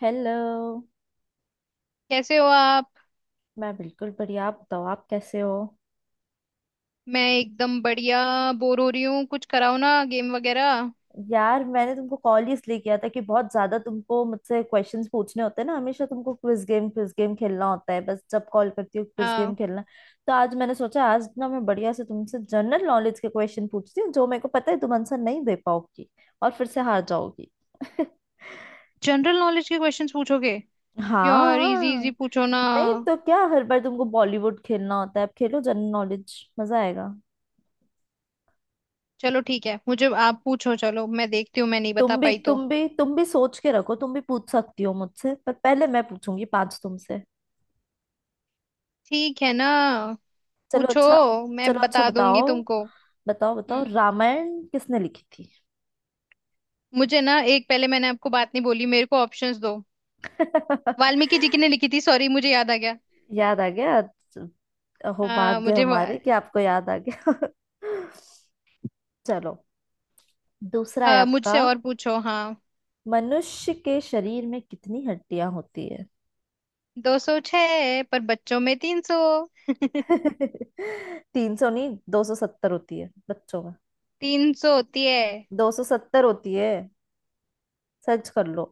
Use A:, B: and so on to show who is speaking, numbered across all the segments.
A: Hello.
B: कैसे हो आप?
A: मैं बिल्कुल बढ़िया। आप बताओ, आप कैसे हो?
B: मैं एकदम बढ़िया। बोर हो रही हूँ, कुछ कराओ ना गेम वगैरह।
A: यार, मैंने तुमको कॉल इसलिए किया था कि बहुत ज्यादा तुमको मुझसे क्वेश्चंस पूछने होते हैं ना। हमेशा तुमको क्विज गेम खेलना होता है, बस जब कॉल करती हूँ, क्विज गेम
B: हाँ।
A: खेलना। तो आज मैंने सोचा आज ना मैं बढ़िया से तुमसे जनरल नॉलेज के क्वेश्चन पूछती हूँ, जो मेरे को पता है तुम आंसर नहीं दे पाओगी और फिर से हार जाओगी।
B: जनरल नॉलेज के क्वेश्चंस पूछोगे? यार इजी
A: हाँ।
B: इजी पूछो ना।
A: नहीं, तो क्या हर बार तुमको बॉलीवुड खेलना होता है? अब खेलो जनरल नॉलेज, मजा आएगा।
B: चलो ठीक है, मुझे आप पूछो, चलो मैं देखती हूँ, मैं नहीं बता
A: तुम भी
B: पाई तो।
A: तुम भी तुम भी सोच के रखो, तुम भी पूछ सकती हो मुझसे, पर पहले मैं पूछूंगी पांच तुमसे।
B: ठीक है ना।
A: चलो
B: पूछो।
A: अच्छा।
B: मैं
A: चलो अच्छा
B: बता
A: बताओ।
B: दूंगी तुमको।
A: बताओ बताओ,
B: हम्म।
A: रामायण किसने लिखी थी?
B: मुझे ना एक पहले मैंने आपको बात नहीं बोली, मेरे को ऑप्शंस दो। वाल्मीकि जी की ने लिखी थी। सॉरी मुझे याद आ गया।
A: याद आ गया। हो
B: हाँ,
A: भाग्य हमारे कि आपको याद आ गया। चलो, दूसरा है आपका।
B: मुझसे और पूछो, हाँ।
A: मनुष्य के शरीर में कितनी हड्डियां होती है?
B: 206, पर बच्चों में 300।
A: 300 नहीं, 270 होती है बच्चों में।
B: 300 होती है।
A: 270 होती है, सर्च कर लो।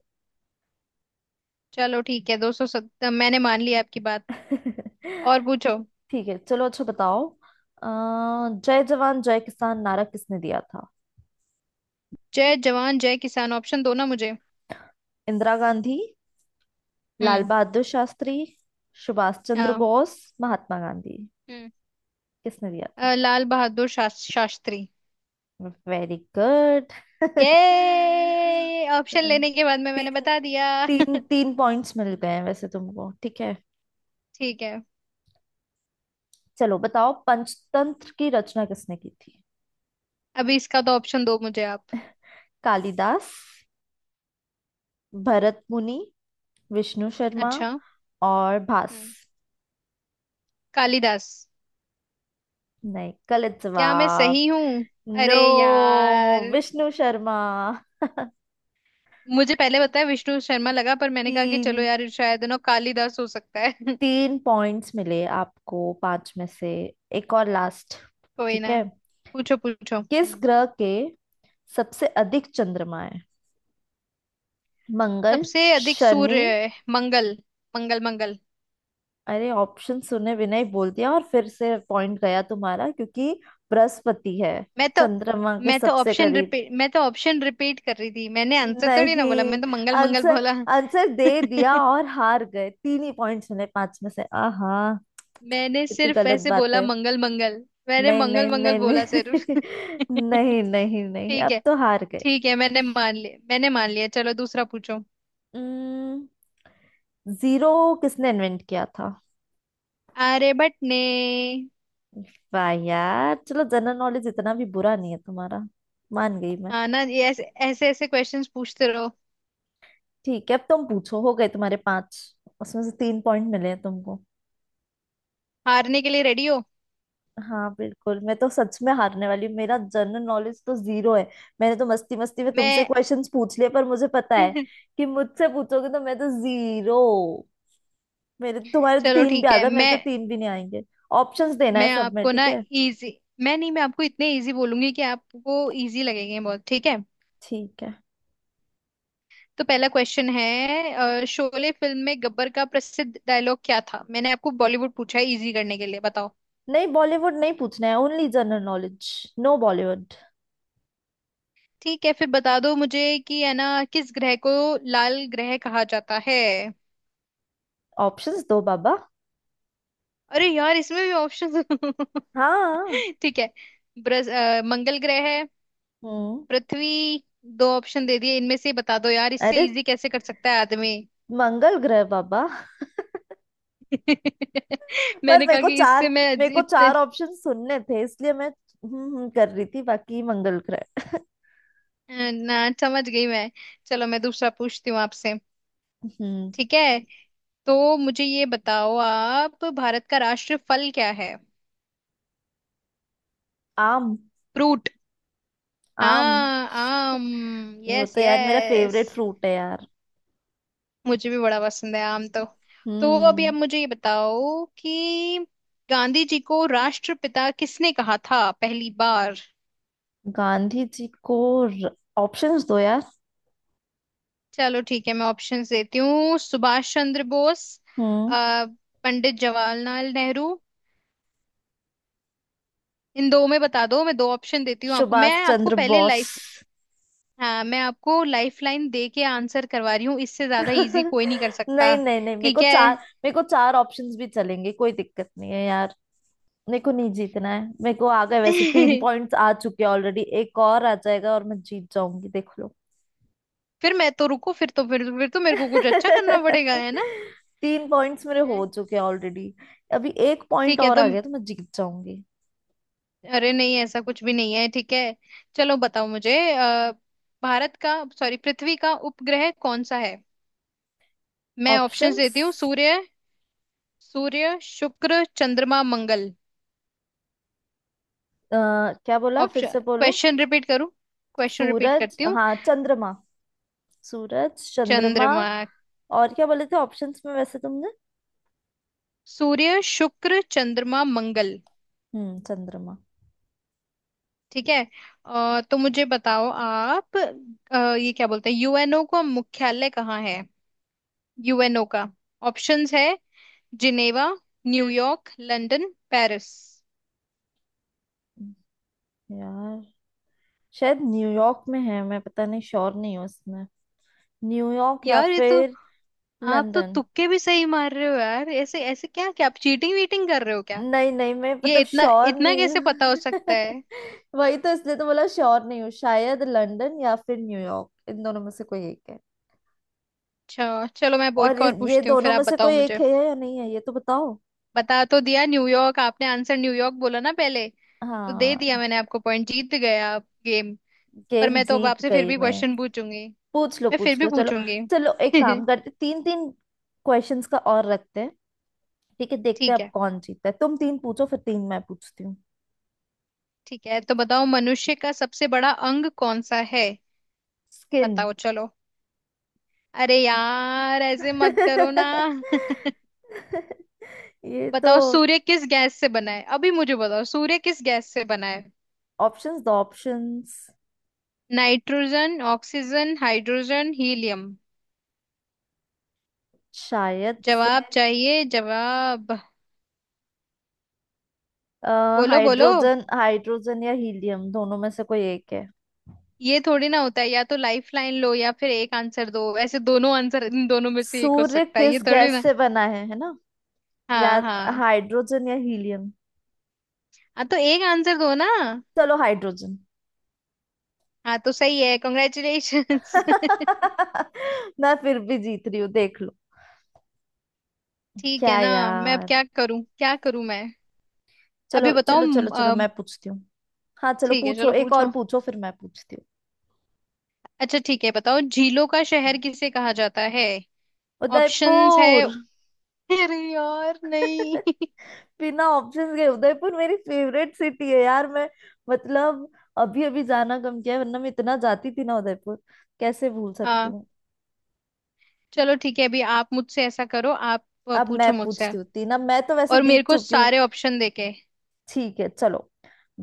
B: चलो ठीक है, 270 मैंने मान लिया आपकी बात। और पूछो।
A: ठीक है, चलो अच्छा बताओ। अ, जय जवान जय किसान नारा किसने दिया था?
B: जय जवान जय किसान, ऑप्शन दो ना मुझे।
A: इंदिरा गांधी, लाल
B: हम्म।
A: बहादुर शास्त्री, सुभाष चंद्र
B: हाँ।
A: बोस, महात्मा गांधी,
B: हम्म।
A: किसने दिया था?
B: लाल बहादुर शास्त्री।
A: Very good.
B: ये ऑप्शन
A: तीन।
B: लेने के बाद में मैंने बता दिया।
A: तीन तीन पॉइंट्स मिल गए हैं वैसे तुमको, ठीक है।
B: ठीक है।
A: चलो बताओ, पंचतंत्र की रचना किसने की थी?
B: अभी इसका तो ऑप्शन दो मुझे आप।
A: कालिदास, भरत मुनि, विष्णु शर्मा
B: अच्छा।
A: और भास।
B: हम्म। कालिदास।
A: नहीं, गलत
B: क्या मैं
A: जवाब।
B: सही हूँ?
A: नो।
B: अरे यार।
A: विष्णु शर्मा।
B: मुझे पहले बताया विष्णु शर्मा लगा, पर मैंने कहा कि चलो
A: तीन।
B: यार शायद ना कालिदास हो सकता है।
A: तीन पॉइंट्स मिले आपको पांच में से। एक और लास्ट,
B: कोई
A: ठीक
B: ना।
A: है।
B: पूछो पूछो।
A: किस
B: हम्म।
A: ग्रह के सबसे अधिक चंद्रमा है? मंगल,
B: सबसे अधिक
A: शनि।
B: सूर्य। मंगल। मंगल मंगल।
A: अरे ऑप्शन सुने बिना ही बोल दिया, और फिर से पॉइंट गया तुम्हारा, क्योंकि बृहस्पति है
B: मैं तो।
A: चंद्रमा के सबसे करीब।
B: मैं तो ऑप्शन रिपीट कर रही थी, मैंने आंसर थोड़ी ना बोला,
A: नहीं।
B: मैं तो मंगल मंगल
A: आंसर।
B: बोला।
A: आंसर दे दिया और हार गए, तीन ही पॉइंट्स मिले पांच में से, आहा।
B: मैंने
A: कितनी
B: सिर्फ
A: गलत
B: ऐसे
A: बात
B: बोला
A: है।
B: मंगल मंगल। मैंने
A: नहीं
B: मंगल
A: नहीं
B: मंगल
A: नहीं नहीं।
B: बोला सिर्फ।
A: नहीं नहीं नहीं,
B: ठीक
A: अब
B: है।
A: तो हार गए।
B: ठीक है, मैंने मान लिया मैंने मान लिया, चलो दूसरा पूछो।
A: जीरो किसने इन्वेंट किया था?
B: आर्यभट्ट ने।
A: वाह यार, चलो जनरल नॉलेज इतना भी बुरा नहीं है तुम्हारा, मान गई मैं।
B: हाँ ना, ये ऐसे, ऐसे ऐसे क्वेश्चंस पूछते रहो।
A: ठीक है, अब तुम पूछो, हो गए तुम्हारे पांच, उसमें से तीन पॉइंट मिले हैं तुमको।
B: हारने के लिए रेडी हो?
A: हाँ बिल्कुल, मैं तो सच में हारने वाली हूँ, मेरा जनरल नॉलेज तो जीरो है। मैंने तो मस्ती मस्ती में तुमसे
B: मैं।
A: क्वेश्चंस पूछ लिए, पर मुझे पता है कि मुझसे पूछोगे तो मैं तो जीरो। मेरे तुम्हारे तो
B: चलो
A: तीन भी
B: ठीक
A: आ
B: है,
A: गए, मेरे
B: मैं।
A: तो तीन भी नहीं आएंगे। ऑप्शंस देना है
B: मैं
A: सब में,
B: आपको
A: ठीक
B: ना
A: है।
B: इजी। मैं नहीं, मैं आपको इतने इजी बोलूंगी कि आपको इजी लगेंगे बहुत, ठीक है।
A: ठीक है।
B: तो पहला क्वेश्चन है, शोले फिल्म में गब्बर का प्रसिद्ध डायलॉग क्या था? मैंने आपको बॉलीवुड पूछा है इजी करने के लिए, बताओ।
A: नहीं, बॉलीवुड नहीं पूछना है, only general knowledge. No Bollywood.
B: ठीक है, फिर बता दो मुझे कि है ना, किस ग्रह को लाल ग्रह कहा जाता है?
A: ऑप्शंस दो बाबा।
B: अरे यार इसमें भी ऑप्शन।
A: हाँ।
B: ठीक है। मंगल ग्रह है।
A: हम्म।
B: पृथ्वी। दो ऑप्शन दे दिए, इनमें से बता दो यार, इससे
A: अरे
B: इजी कैसे कर सकता है आदमी?
A: मंगल ग्रह बाबा। पर
B: मैंने
A: मेरे
B: कहा
A: को
B: कि
A: चार
B: इससे मैं।
A: मेरे को
B: इतने
A: चार ऑप्शन सुनने थे, इसलिए मैं कर रही थी, बाकी मंगल ग्रह।
B: ना। समझ गई मैं। चलो मैं दूसरा पूछती हूँ आपसे।
A: हम्म।
B: ठीक है। तो मुझे ये बताओ आप, भारत का राष्ट्र फल क्या है?
A: आम।
B: फ्रूट।
A: आम,
B: हाँ, आम।
A: वो
B: यस
A: तो यार मेरा
B: यस।
A: फेवरेट फ्रूट है यार।
B: मुझे भी बड़ा पसंद है आम तो। तो अभी
A: हम्म।
B: आप मुझे ये बताओ कि गांधी जी को राष्ट्रपिता किसने कहा था पहली बार?
A: गांधी जी को ऑप्शंस दो यार।
B: चलो ठीक है, मैं ऑप्शंस देती हूँ। सुभाष चंद्र बोस,
A: हम्म।
B: अ, पंडित जवाहरलाल नेहरू। इन दो में बता दो, मैं दो ऑप्शन देती हूँ आपको,
A: सुभाष
B: मैं आपको
A: चंद्र
B: पहले
A: बोस।
B: लाइफ। हाँ, मैं आपको लाइफ लाइन दे के आंसर करवा रही हूँ, इससे ज्यादा इजी कोई नहीं कर सकता।
A: नहीं नहीं नहीं, मेरे को
B: ठीक है।
A: चार मेरे को चार ऑप्शंस भी चलेंगे, कोई दिक्कत नहीं है यार। मेरे को नहीं जीतना है, मेरे को आ गए वैसे, तीन पॉइंट्स आ चुके हैं ऑलरेडी, एक और आ जाएगा और मैं जीत जाऊंगी, देख लो।
B: फिर मैं तो, रुको, फिर तो फिर तो मेरे को कुछ अच्छा करना पड़ेगा, है ना।
A: तीन पॉइंट्स मेरे हो
B: हैं?
A: चुके हैं ऑलरेडी। अभी एक पॉइंट
B: ठीक है
A: और
B: तो।
A: आ गया तो मैं जीत जाऊंगी।
B: अरे नहीं, ऐसा कुछ भी नहीं है, ठीक है। चलो बताओ मुझे, भारत का, सॉरी पृथ्वी का उपग्रह कौन सा है? मैं ऑप्शंस
A: ऑप्शंस।
B: देती हूँ। सूर्य, सूर्य शुक्र चंद्रमा मंगल।
A: क्या बोला, फिर
B: ऑप्शन
A: से बोलो।
B: क्वेश्चन रिपीट करूँ? क्वेश्चन रिपीट
A: सूरज,
B: करती हूँ।
A: हाँ चंद्रमा। सूरज चंद्रमा।
B: चंद्रमा,
A: और क्या बोले थे ऑप्शंस में वैसे तुमने?
B: सूर्य शुक्र चंद्रमा मंगल।
A: हम्म, चंद्रमा।
B: ठीक है। तो मुझे बताओ आप, ये क्या बोलते हैं, यूएनओ का मुख्यालय कहाँ है? यूएनओ का। ऑप्शंस है। Geneva, New York, London, Paris.
A: यार शायद न्यूयॉर्क में है, मैं पता नहीं, श्योर नहीं हूँ इसमें। न्यूयॉर्क या
B: यार ये तो।
A: फिर
B: आप तो
A: लंदन।
B: तुक्के भी सही मार रहे हो यार, ऐसे ऐसे, क्या क्या आप चीटिंग वीटिंग कर रहे हो क्या?
A: नहीं नहीं, मैं
B: ये
A: मतलब
B: इतना
A: श्योर
B: इतना
A: नहीं
B: कैसे पता हो
A: हूँ।
B: सकता है?
A: वही तो, इसलिए तो बोला श्योर नहीं हूँ, शायद लंदन या फिर न्यूयॉर्क, इन दोनों में से कोई एक है।
B: अच्छा चलो, मैं वो
A: और
B: एक और
A: ये
B: पूछती हूँ फिर
A: दोनों में
B: आप
A: से
B: बताओ
A: कोई एक
B: मुझे।
A: है या नहीं है ये तो बताओ।
B: बता तो दिया न्यूयॉर्क, आपने आंसर न्यूयॉर्क बोला ना पहले, तो दे दिया
A: हाँ,
B: मैंने आपको पॉइंट, जीत गए आप गेम। पर
A: गेम
B: मैं तो अब
A: जीत
B: आपसे फिर
A: गई
B: भी
A: मैं।
B: क्वेश्चन पूछूंगी।
A: पूछ लो
B: मैं फिर
A: पूछ
B: भी
A: लो, चलो।
B: पूछूंगी।
A: चलो एक काम करते, तीन तीन क्वेश्चंस का और रखते हैं। ठीक है, देखते हैं
B: ठीक
A: अब
B: है।
A: कौन जीतता है। तुम तीन पूछो फिर तीन मैं पूछती हूँ।
B: ठीक है, तो बताओ मनुष्य का सबसे बड़ा अंग कौन सा है?
A: स्किन।
B: बताओ चलो। अरे यार ऐसे मत करो ना।
A: ये तो।
B: बताओ सूर्य किस गैस से बना है, अभी मुझे बताओ, सूर्य किस गैस से बना है?
A: ऑप्शंस दो, options.
B: Nitrogen, oxygen, hydrogen, helium.
A: शायद से।
B: जवाब चाहिए जवाब। बोलो बोलो।
A: हाइड्रोजन, हाइड्रोजन या हीलियम दोनों में से कोई एक है।
B: ये थोड़ी ना होता है, या तो लाइफ लाइन लो या फिर एक आंसर दो, ऐसे दोनों आंसर इन दोनों में से एक हो
A: सूर्य
B: सकता है, ये
A: किस
B: थोड़ी
A: गैस
B: ना।
A: से बना है ना? या
B: हाँ हाँ।
A: हाइड्रोजन या हीलियम।
B: हाँ तो एक आंसर दो ना।
A: चलो, हाइड्रोजन।
B: हाँ तो सही है, कॉन्ग्रेचुलेशंस।
A: मैं फिर भी जीत रही हूँ, देख लो।
B: ठीक है
A: क्या
B: ना। मैं अब
A: यार।
B: क्या करूं, क्या करूं मैं।
A: चलो
B: अभी बताओ
A: चलो चलो चलो, मैं पूछती हूँ। हाँ चलो
B: ठीक है
A: पूछो,
B: चलो
A: एक और
B: पूछो।
A: पूछो फिर मैं पूछती हूँ।
B: अच्छा ठीक है, बताओ झीलों का शहर किसे कहा जाता है? ऑप्शंस है।
A: उदयपुर।
B: अरे यार नहीं।
A: बिना ऑप्शंस के, उदयपुर मेरी फेवरेट सिटी है यार, मैं मतलब, अभी अभी जाना कम किया है, वरना मैं इतना जाती थी ना उदयपुर, कैसे भूल सकती
B: हाँ।
A: हूँ।
B: चलो ठीक है, अभी आप मुझसे ऐसा करो आप,
A: अब मैं
B: पूछो मुझसे।
A: पूछती हूँ तीन। अब मैं तो वैसे
B: और मेरे
A: जीत
B: को
A: चुकी हूँ।
B: सारे ऑप्शन देके।
A: ठीक है, चलो।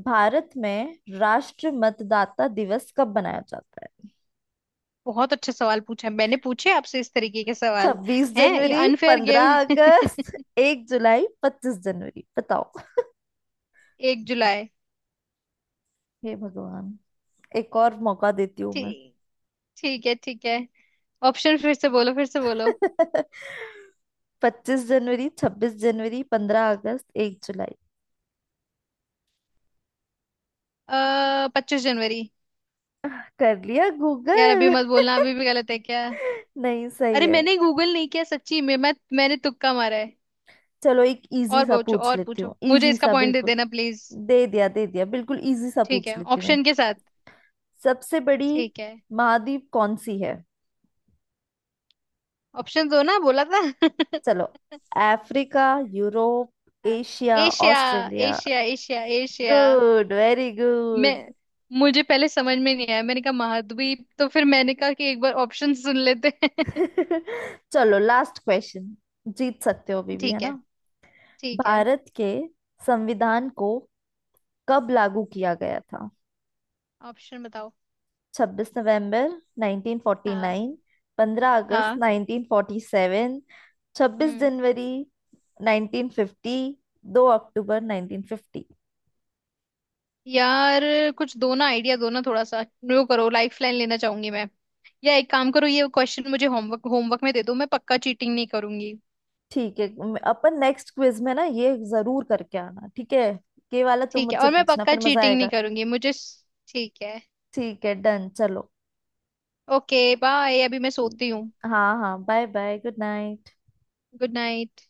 A: भारत में राष्ट्र मतदाता दिवस कब मनाया जाता है?
B: बहुत अच्छे सवाल पूछे हैं। मैंने पूछे आपसे इस तरीके के सवाल।
A: छब्बीस
B: हैं ये
A: जनवरी
B: अनफेयर
A: पंद्रह
B: गेम?
A: अगस्त 1 जुलाई, 25 जनवरी, बताओ।
B: 1 जुलाई।
A: हे भगवान। एक और मौका देती हूँ मैं।
B: ठीक। ठीक है ठीक है। ऑप्शन फिर से बोलो, फिर से बोलो।
A: 25 जनवरी, 26 जनवरी, पंद्रह अगस्त, एक जुलाई।
B: अः, 25 जनवरी।
A: आह, कर लिया
B: यार अभी
A: गूगल।
B: मत बोलना, अभी भी गलत है क्या?
A: नहीं, सही
B: अरे
A: है।
B: मैंने गूगल नहीं किया सच्ची में, मैंने तुक्का मारा है।
A: चलो एक इजी
B: और
A: सा
B: पूछो
A: पूछ
B: और
A: लेती
B: पूछो,
A: हूँ,
B: मुझे
A: इजी
B: इसका
A: सा
B: पॉइंट दे
A: बिल्कुल।
B: देना प्लीज।
A: दे दिया दे दिया, बिल्कुल इजी सा
B: ठीक है,
A: पूछ लेती हूँ
B: ऑप्शन
A: एक।
B: के साथ।
A: सबसे बड़ी
B: ठीक है।
A: महाद्वीप कौन सी है?
B: ऑप्शन दो ना बोला था।
A: चलो, अफ्रीका, यूरोप,
B: हाँ।
A: Asia,
B: Asia.
A: Australia.
B: Asia Asia Asia.
A: Good, very
B: मैं।
A: गुड।
B: मुझे पहले समझ में नहीं आया, मैंने कहा महाद्वीप, तो फिर मैंने कहा कि एक बार ऑप्शन सुन लेते हैं।
A: चलो, लास्ट क्वेश्चन। जीत सकते हो अभी भी, है
B: ठीक है
A: ना।
B: ठीक है।
A: भारत के संविधान को कब लागू किया गया था?
B: ऑप्शन बताओ।
A: 26 नवंबर
B: हाँ।
A: 1949, 15 अगस्त
B: हाँ।
A: 1947, 26
B: हम्म।
A: जनवरी 1950, 2 अक्टूबर 1950।
B: यार कुछ दो ना आइडिया दो ना थोड़ा सा। वो करो, लाइफ लाइन लेना चाहूंगी मैं। या एक काम करो, ये क्वेश्चन मुझे होमवर्क होमवर्क में दे दो, मैं पक्का चीटिंग नहीं करूंगी।
A: ठीक है, अपन नेक्स्ट क्विज में ना ये जरूर करके आना, ठीक है। ये वाला तुम
B: ठीक है,
A: मुझसे
B: और मैं
A: पूछना,
B: पक्का
A: फिर मजा
B: चीटिंग नहीं
A: आएगा।
B: करूंगी मुझे। ठीक है।
A: ठीक है, डन चलो।
B: ओके बाय, अभी मैं सोती हूँ।
A: हाँ हाँ, bye bye, good night.
B: Good night.